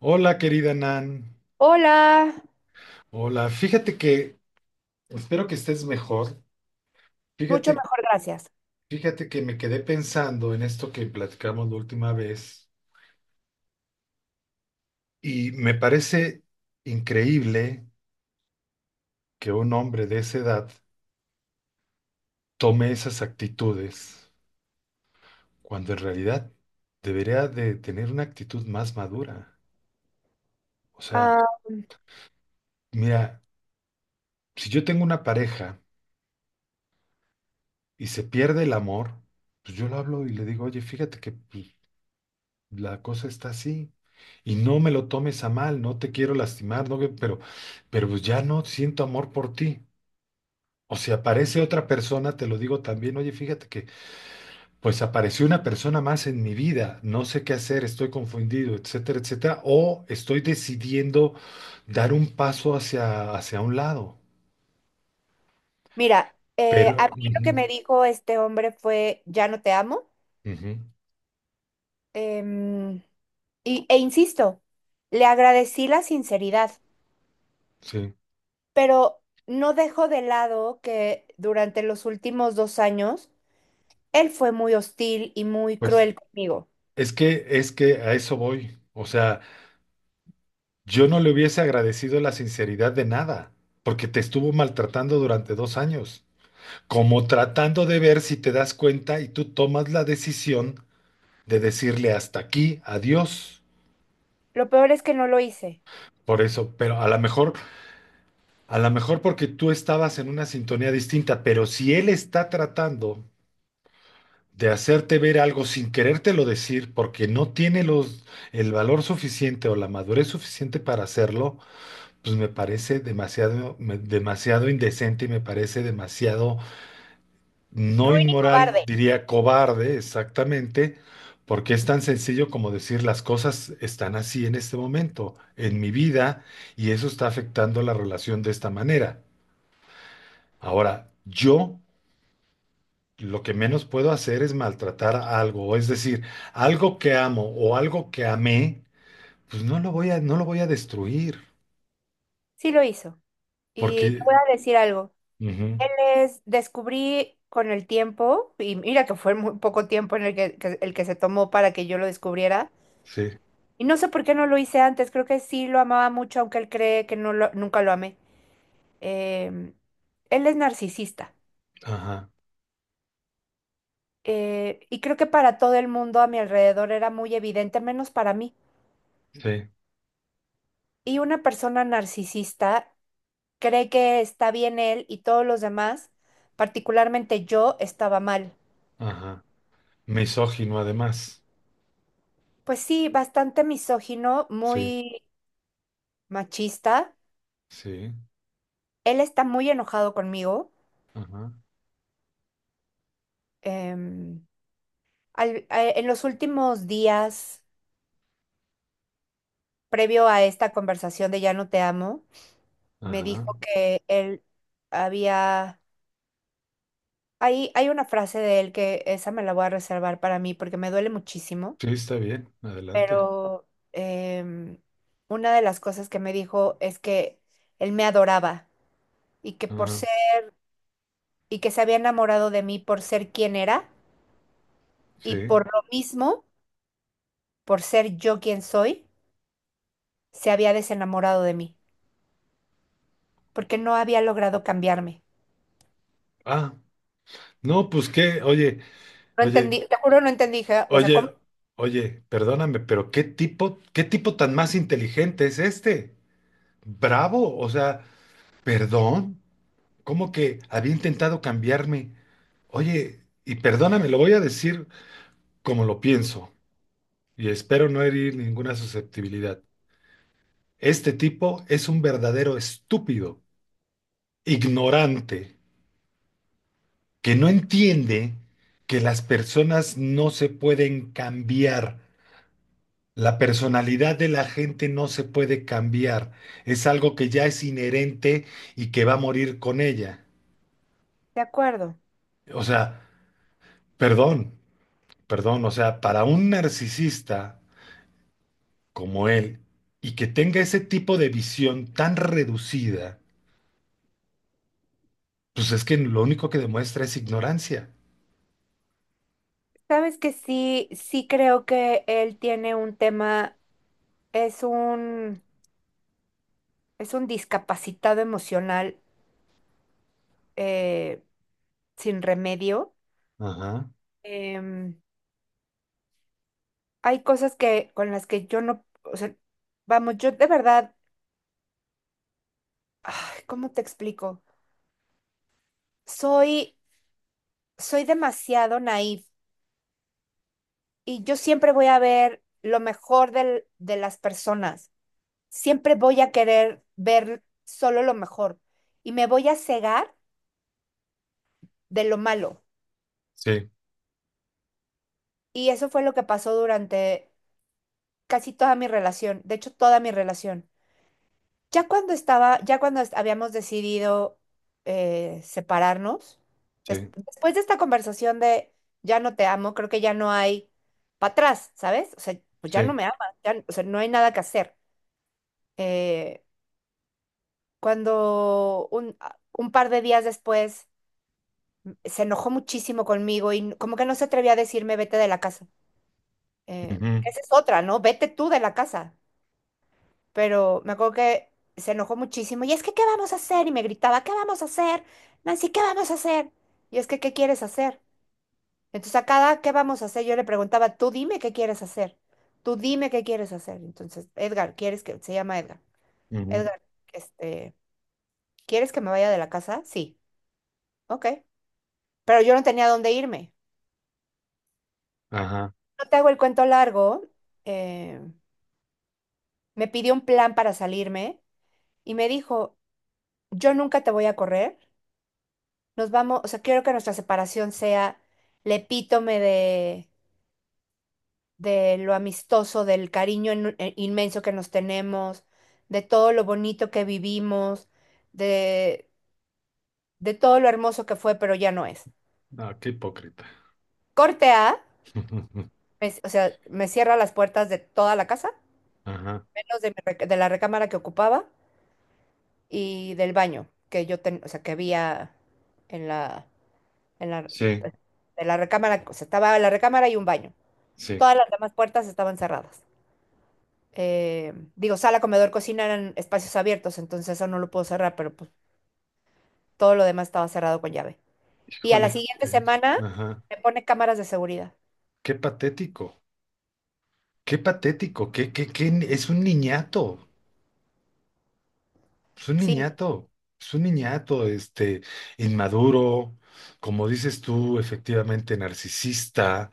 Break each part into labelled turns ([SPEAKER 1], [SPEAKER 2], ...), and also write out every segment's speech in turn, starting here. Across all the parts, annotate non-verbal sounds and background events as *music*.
[SPEAKER 1] Hola, querida Nan.
[SPEAKER 2] Hola,
[SPEAKER 1] Hola, fíjate que espero que estés mejor.
[SPEAKER 2] mucho
[SPEAKER 1] Fíjate,
[SPEAKER 2] mejor, gracias.
[SPEAKER 1] fíjate que me quedé pensando en esto que platicamos la última vez y me parece increíble que un hombre de esa edad tome esas actitudes cuando en realidad debería de tener una actitud más madura. O sea,
[SPEAKER 2] Ah,
[SPEAKER 1] mira, si yo tengo una pareja y se pierde el amor, pues yo lo hablo y le digo, oye, fíjate que pues, la cosa está así. Y no me lo tomes a mal, no te quiero lastimar, no, pero pues ya no siento amor por ti. O si aparece otra persona, te lo digo también, oye, fíjate que pues apareció una persona más en mi vida, no sé qué hacer, estoy confundido, etcétera, etcétera, o estoy decidiendo dar un paso hacia un lado.
[SPEAKER 2] mira, a
[SPEAKER 1] Pero,
[SPEAKER 2] mí lo que me
[SPEAKER 1] ujú,
[SPEAKER 2] dijo este hombre fue, ya no te amo.
[SPEAKER 1] ujú,
[SPEAKER 2] Em, e insisto, le agradecí la sinceridad,
[SPEAKER 1] sí,
[SPEAKER 2] pero no dejo de lado que durante los últimos 2 años él fue muy hostil y muy
[SPEAKER 1] pues
[SPEAKER 2] cruel conmigo.
[SPEAKER 1] es que a eso voy. O sea, yo no le hubiese agradecido la sinceridad de nada, porque te estuvo maltratando durante 2 años, como tratando de ver si te das cuenta y tú tomas la decisión de decirle hasta aquí, adiós.
[SPEAKER 2] Lo peor es que no lo hice.
[SPEAKER 1] Por eso, pero a lo mejor porque tú estabas en una sintonía distinta, pero si él está tratando de hacerte ver algo sin querértelo decir, porque no tiene el valor suficiente o la madurez suficiente para hacerlo, pues me parece demasiado indecente y me parece demasiado. No,
[SPEAKER 2] Ruin y
[SPEAKER 1] inmoral,
[SPEAKER 2] cobarde,
[SPEAKER 1] diría cobarde, exactamente, porque es tan sencillo como decir las cosas están así en este momento, en mi vida, y eso está afectando la relación de esta manera. Ahora, yo lo que menos puedo hacer es maltratar algo, es decir, algo que amo o algo que amé, pues no lo voy a destruir,
[SPEAKER 2] sí lo hizo. Y te
[SPEAKER 1] porque...
[SPEAKER 2] voy a decir algo.
[SPEAKER 1] Ujú,
[SPEAKER 2] Él es, descubrí con el tiempo, y mira que fue muy poco tiempo en el que- el que se tomó para que yo lo descubriera,
[SPEAKER 1] sí,
[SPEAKER 2] y no sé por qué no lo hice antes, creo que sí lo amaba mucho, aunque él cree que nunca lo amé. Em, él es narcisista,
[SPEAKER 1] ajá,
[SPEAKER 2] y creo que para todo el mundo a mi alrededor era muy evidente, menos para mí.
[SPEAKER 1] sí,
[SPEAKER 2] Y una persona narcisista cree que está bien él y todos los demás, particularmente yo, estaba mal.
[SPEAKER 1] ajá. Misógino además,
[SPEAKER 2] Pues sí, bastante misógino,
[SPEAKER 1] sí,
[SPEAKER 2] muy machista.
[SPEAKER 1] sí,
[SPEAKER 2] Él está muy enojado conmigo.
[SPEAKER 1] ajá,
[SPEAKER 2] Em, en los últimos días, previo a esta conversación de ya no te amo, me dijo
[SPEAKER 1] ajá.
[SPEAKER 2] que él había. Hay una frase de él que esa me la voy a reservar para mí porque me duele muchísimo,
[SPEAKER 1] Sí, está bien, adelante.
[SPEAKER 2] pero em, una de las cosas que me dijo es que él me adoraba y que por
[SPEAKER 1] Ajá,
[SPEAKER 2] ser, y que se había enamorado de mí por ser quien era y
[SPEAKER 1] sí.
[SPEAKER 2] por lo mismo por ser yo quien soy, se había desenamorado de mí, porque no había logrado cambiarme.
[SPEAKER 1] Ah, no, pues
[SPEAKER 2] No
[SPEAKER 1] oye,
[SPEAKER 2] entendí, te juro, no entendí, dije, o sea, ¿cómo?
[SPEAKER 1] oye, oye, perdóname, pero qué tipo tan más inteligente es este. Bravo, o sea, perdón, ¿cómo que había intentado cambiarme? Oye, y perdóname, lo voy a decir como lo pienso y espero no herir ninguna susceptibilidad. Este tipo es un verdadero estúpido, ignorante, que no entiende que las personas no se pueden cambiar. La personalidad de la gente no se puede cambiar. Es algo que ya es inherente y que va a morir con ella.
[SPEAKER 2] De acuerdo.
[SPEAKER 1] O sea, perdón, perdón, o sea, para un narcisista como él y que tenga ese tipo de visión tan reducida, pues es que lo único que demuestra es ignorancia.
[SPEAKER 2] Sabes que sí, sí creo que él tiene un tema, es un, es un discapacitado emocional eh, sin remedio.
[SPEAKER 1] Ajá,
[SPEAKER 2] Em, hay cosas que con las que yo no, o sea, vamos, yo de verdad, ay, ¿cómo te explico? Soy, soy demasiado naif. Y yo siempre voy a ver lo mejor de las personas. Siempre voy a querer ver solo lo mejor. Y me voy a cegar de lo malo.
[SPEAKER 1] sí,
[SPEAKER 2] Y eso fue lo que pasó durante casi toda mi relación. De hecho, toda mi relación. Ya habíamos decidido separarnos,
[SPEAKER 1] sí,
[SPEAKER 2] después de esta conversación de ya no te amo, creo que ya no hay para atrás, ¿sabes? O sea, pues ya no
[SPEAKER 1] sí.
[SPEAKER 2] me amas, ya, o sea, no hay nada que hacer. Eh, cuando un par de días después se enojó muchísimo conmigo y como que no se atrevía a decirme vete de la casa. Eh,
[SPEAKER 1] Ujú,
[SPEAKER 2] esa es otra, ¿no? Vete tú de la casa. Pero me acuerdo que se enojó muchísimo y es que, ¿qué vamos a hacer? Y me gritaba, ¿qué vamos a hacer? Nancy, ¿qué vamos a hacer? Y es que, ¿qué quieres hacer? Entonces a cada, ¿qué vamos a hacer? Yo le preguntaba, tú dime qué quieres hacer. Tú dime qué quieres hacer. Entonces, Edgar, ¿quieres que, se llama Edgar?
[SPEAKER 1] ujú.
[SPEAKER 2] Edgar, este, ¿quieres que me vaya de la casa? Sí. Ok. Pero yo no tenía dónde irme.
[SPEAKER 1] Ajá,
[SPEAKER 2] No te hago el cuento largo. eh, me pidió un plan para salirme y me dijo, yo nunca te voy a correr. Nos vamos, o sea, quiero que nuestra separación sea el epítome de lo amistoso, del cariño inmenso que nos tenemos, de todo lo bonito que vivimos, de, de todo lo hermoso que fue, pero ya no es.
[SPEAKER 1] ah, qué hipócrita.
[SPEAKER 2] Corte A,
[SPEAKER 1] *laughs* Ujú.
[SPEAKER 2] o sea, me cierra las puertas de toda la casa,
[SPEAKER 1] Ajá.
[SPEAKER 2] menos de la recámara que ocupaba y del baño o sea, que había en la, en la,
[SPEAKER 1] Sí,
[SPEAKER 2] de la recámara, o sea, estaba la recámara y un baño.
[SPEAKER 1] sí.
[SPEAKER 2] Todas las demás puertas estaban cerradas. Digo, sala, comedor, cocina eran espacios abiertos, entonces eso no lo puedo cerrar, pero pues todo lo demás estaba cerrado con llave. Y a la
[SPEAKER 1] Híjole,
[SPEAKER 2] siguiente semana
[SPEAKER 1] ajá.
[SPEAKER 2] me pone cámaras de seguridad.
[SPEAKER 1] Qué patético. Qué patético. Qué, qué, qué, ni- es un niñato. Es un
[SPEAKER 2] Sí,
[SPEAKER 1] niñato. Es un niñato, este, inmaduro, como dices tú, efectivamente narcisista,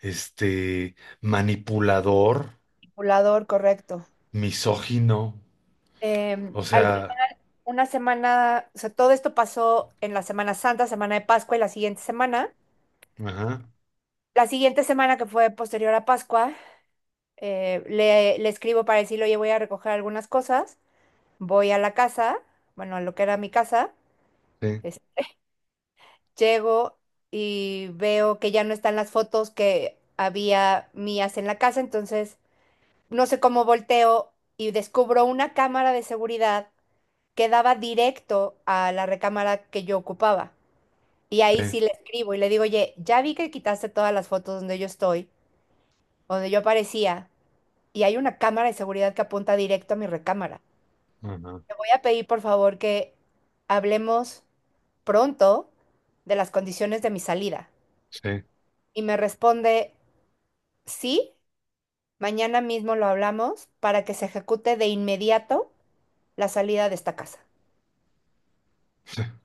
[SPEAKER 1] este, manipulador,
[SPEAKER 2] manipulador, correcto.
[SPEAKER 1] misógino. O
[SPEAKER 2] Al
[SPEAKER 1] sea,
[SPEAKER 2] final, una semana, o sea, todo esto pasó en la Semana Santa, Semana de Pascua y la siguiente semana.
[SPEAKER 1] ajá,
[SPEAKER 2] La siguiente semana, que fue posterior a Pascua, le escribo para decirle, oye, voy a recoger algunas cosas, voy a la casa, bueno, a lo que era mi casa,
[SPEAKER 1] sí,
[SPEAKER 2] es- llego y veo que ya no están las fotos que había mías en la casa, entonces no sé cómo volteo y descubro una cámara de seguridad que daba directo a la recámara que yo ocupaba. Y ahí
[SPEAKER 1] sí,
[SPEAKER 2] sí le escribo y le digo, oye, ya vi que quitaste todas las fotos donde yo estoy, donde yo aparecía. Y hay una cámara de seguridad que apunta directo a mi recámara.
[SPEAKER 1] ajá,
[SPEAKER 2] Te voy a pedir, por favor, que hablemos pronto de las condiciones de mi salida.
[SPEAKER 1] sí.
[SPEAKER 2] Y me responde, sí, mañana mismo lo hablamos para que se ejecute de inmediato la salida de esta casa.
[SPEAKER 1] *laughs*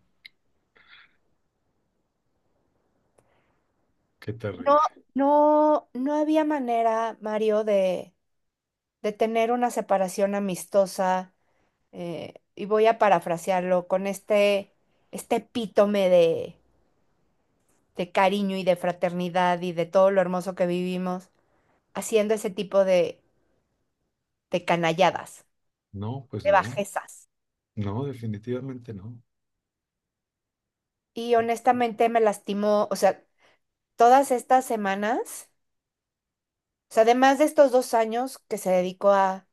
[SPEAKER 1] Qué
[SPEAKER 2] No,
[SPEAKER 1] terrible.
[SPEAKER 2] no, no había manera, Mario, de tener una separación amistosa, y voy a parafrasearlo con este epítome de cariño y de fraternidad y de todo lo hermoso que vivimos haciendo ese tipo de canalladas,
[SPEAKER 1] No, pues
[SPEAKER 2] de
[SPEAKER 1] no.
[SPEAKER 2] bajezas.
[SPEAKER 1] No, definitivamente no.
[SPEAKER 2] Y honestamente me lastimó, o sea, todas estas semanas, o sea, además de estos 2 años que se dedicó a,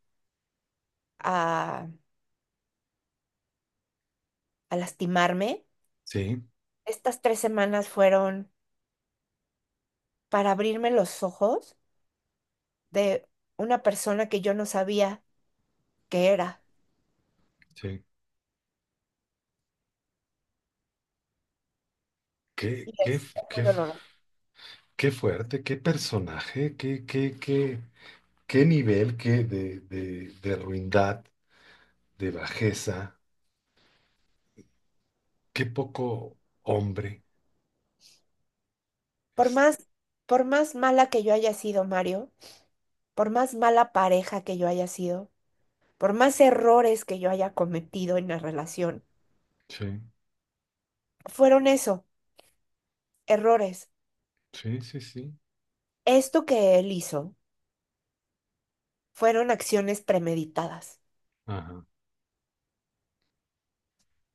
[SPEAKER 2] a, lastimarme,
[SPEAKER 1] Sí.
[SPEAKER 2] estas 3 semanas fueron para abrirme los ojos de una persona que yo no sabía que era.
[SPEAKER 1] Sí. Qué,
[SPEAKER 2] Y
[SPEAKER 1] qué,
[SPEAKER 2] es muy
[SPEAKER 1] qué,
[SPEAKER 2] doloroso.
[SPEAKER 1] qué fuerte, qué personaje, qué nivel qué de ruindad, de bajeza, qué poco hombre.
[SPEAKER 2] Por
[SPEAKER 1] Es-
[SPEAKER 2] más, por más mala que yo haya sido, Mario, por más mala pareja que yo haya sido, por más errores que yo haya cometido en la relación,
[SPEAKER 1] Sí,
[SPEAKER 2] fueron eso, errores.
[SPEAKER 1] sí, sí, sí.
[SPEAKER 2] Esto que él hizo fueron acciones premeditadas.
[SPEAKER 1] Ajá.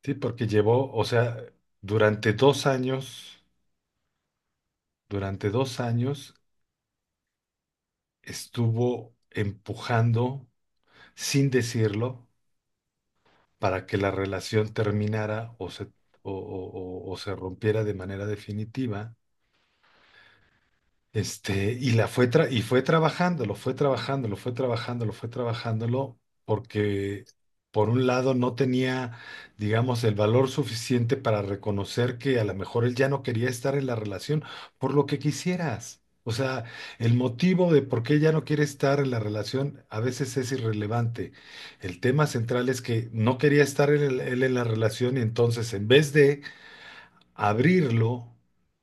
[SPEAKER 1] Sí, porque llevó, o sea, durante 2 años, durante 2 años estuvo empujando, sin decirlo, para que la relación terminara o se rompiera de manera definitiva. Este, y fue trabajándolo, fue trabajándolo, fue trabajándolo, fue trabajándolo, porque por un lado no tenía, digamos, el valor suficiente para reconocer que a lo mejor él ya no quería estar en la relación por lo que quisieras. O sea, el motivo de por qué ella no quiere estar en la relación a veces es irrelevante. El tema central es que no quería estar él en la relación y entonces en vez de abrirlo,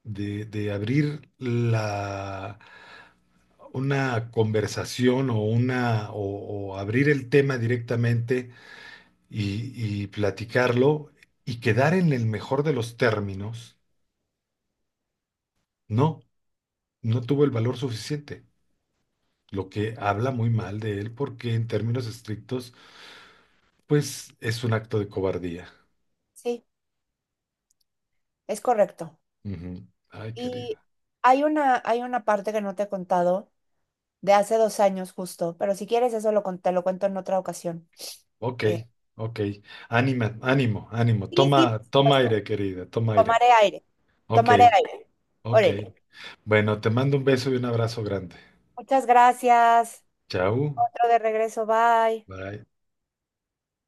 [SPEAKER 1] de abrir la una conversación o o abrir el tema directamente y platicarlo y quedar en el mejor de los términos, no, no tuvo el valor suficiente, lo que habla muy mal de él porque en términos estrictos, pues es un acto de cobardía.
[SPEAKER 2] Sí, es correcto.
[SPEAKER 1] Ujú. Ay,
[SPEAKER 2] Y
[SPEAKER 1] querida.
[SPEAKER 2] hay una parte que no te he contado de hace 2 años justo, pero si quieres eso te lo cuento en otra ocasión.
[SPEAKER 1] Ok,
[SPEAKER 2] Eh,
[SPEAKER 1] ok. Ánimo, ánimo.
[SPEAKER 2] sí, sí, por
[SPEAKER 1] Toma, toma
[SPEAKER 2] supuesto.
[SPEAKER 1] aire, querida, toma aire.
[SPEAKER 2] Tomaré aire.
[SPEAKER 1] Ok,
[SPEAKER 2] Tomaré aire.
[SPEAKER 1] ok.
[SPEAKER 2] Órale.
[SPEAKER 1] Bueno, te mando un beso y un abrazo grande.
[SPEAKER 2] Muchas gracias.
[SPEAKER 1] Chao.
[SPEAKER 2] Otro de regreso. Bye.
[SPEAKER 1] Bye.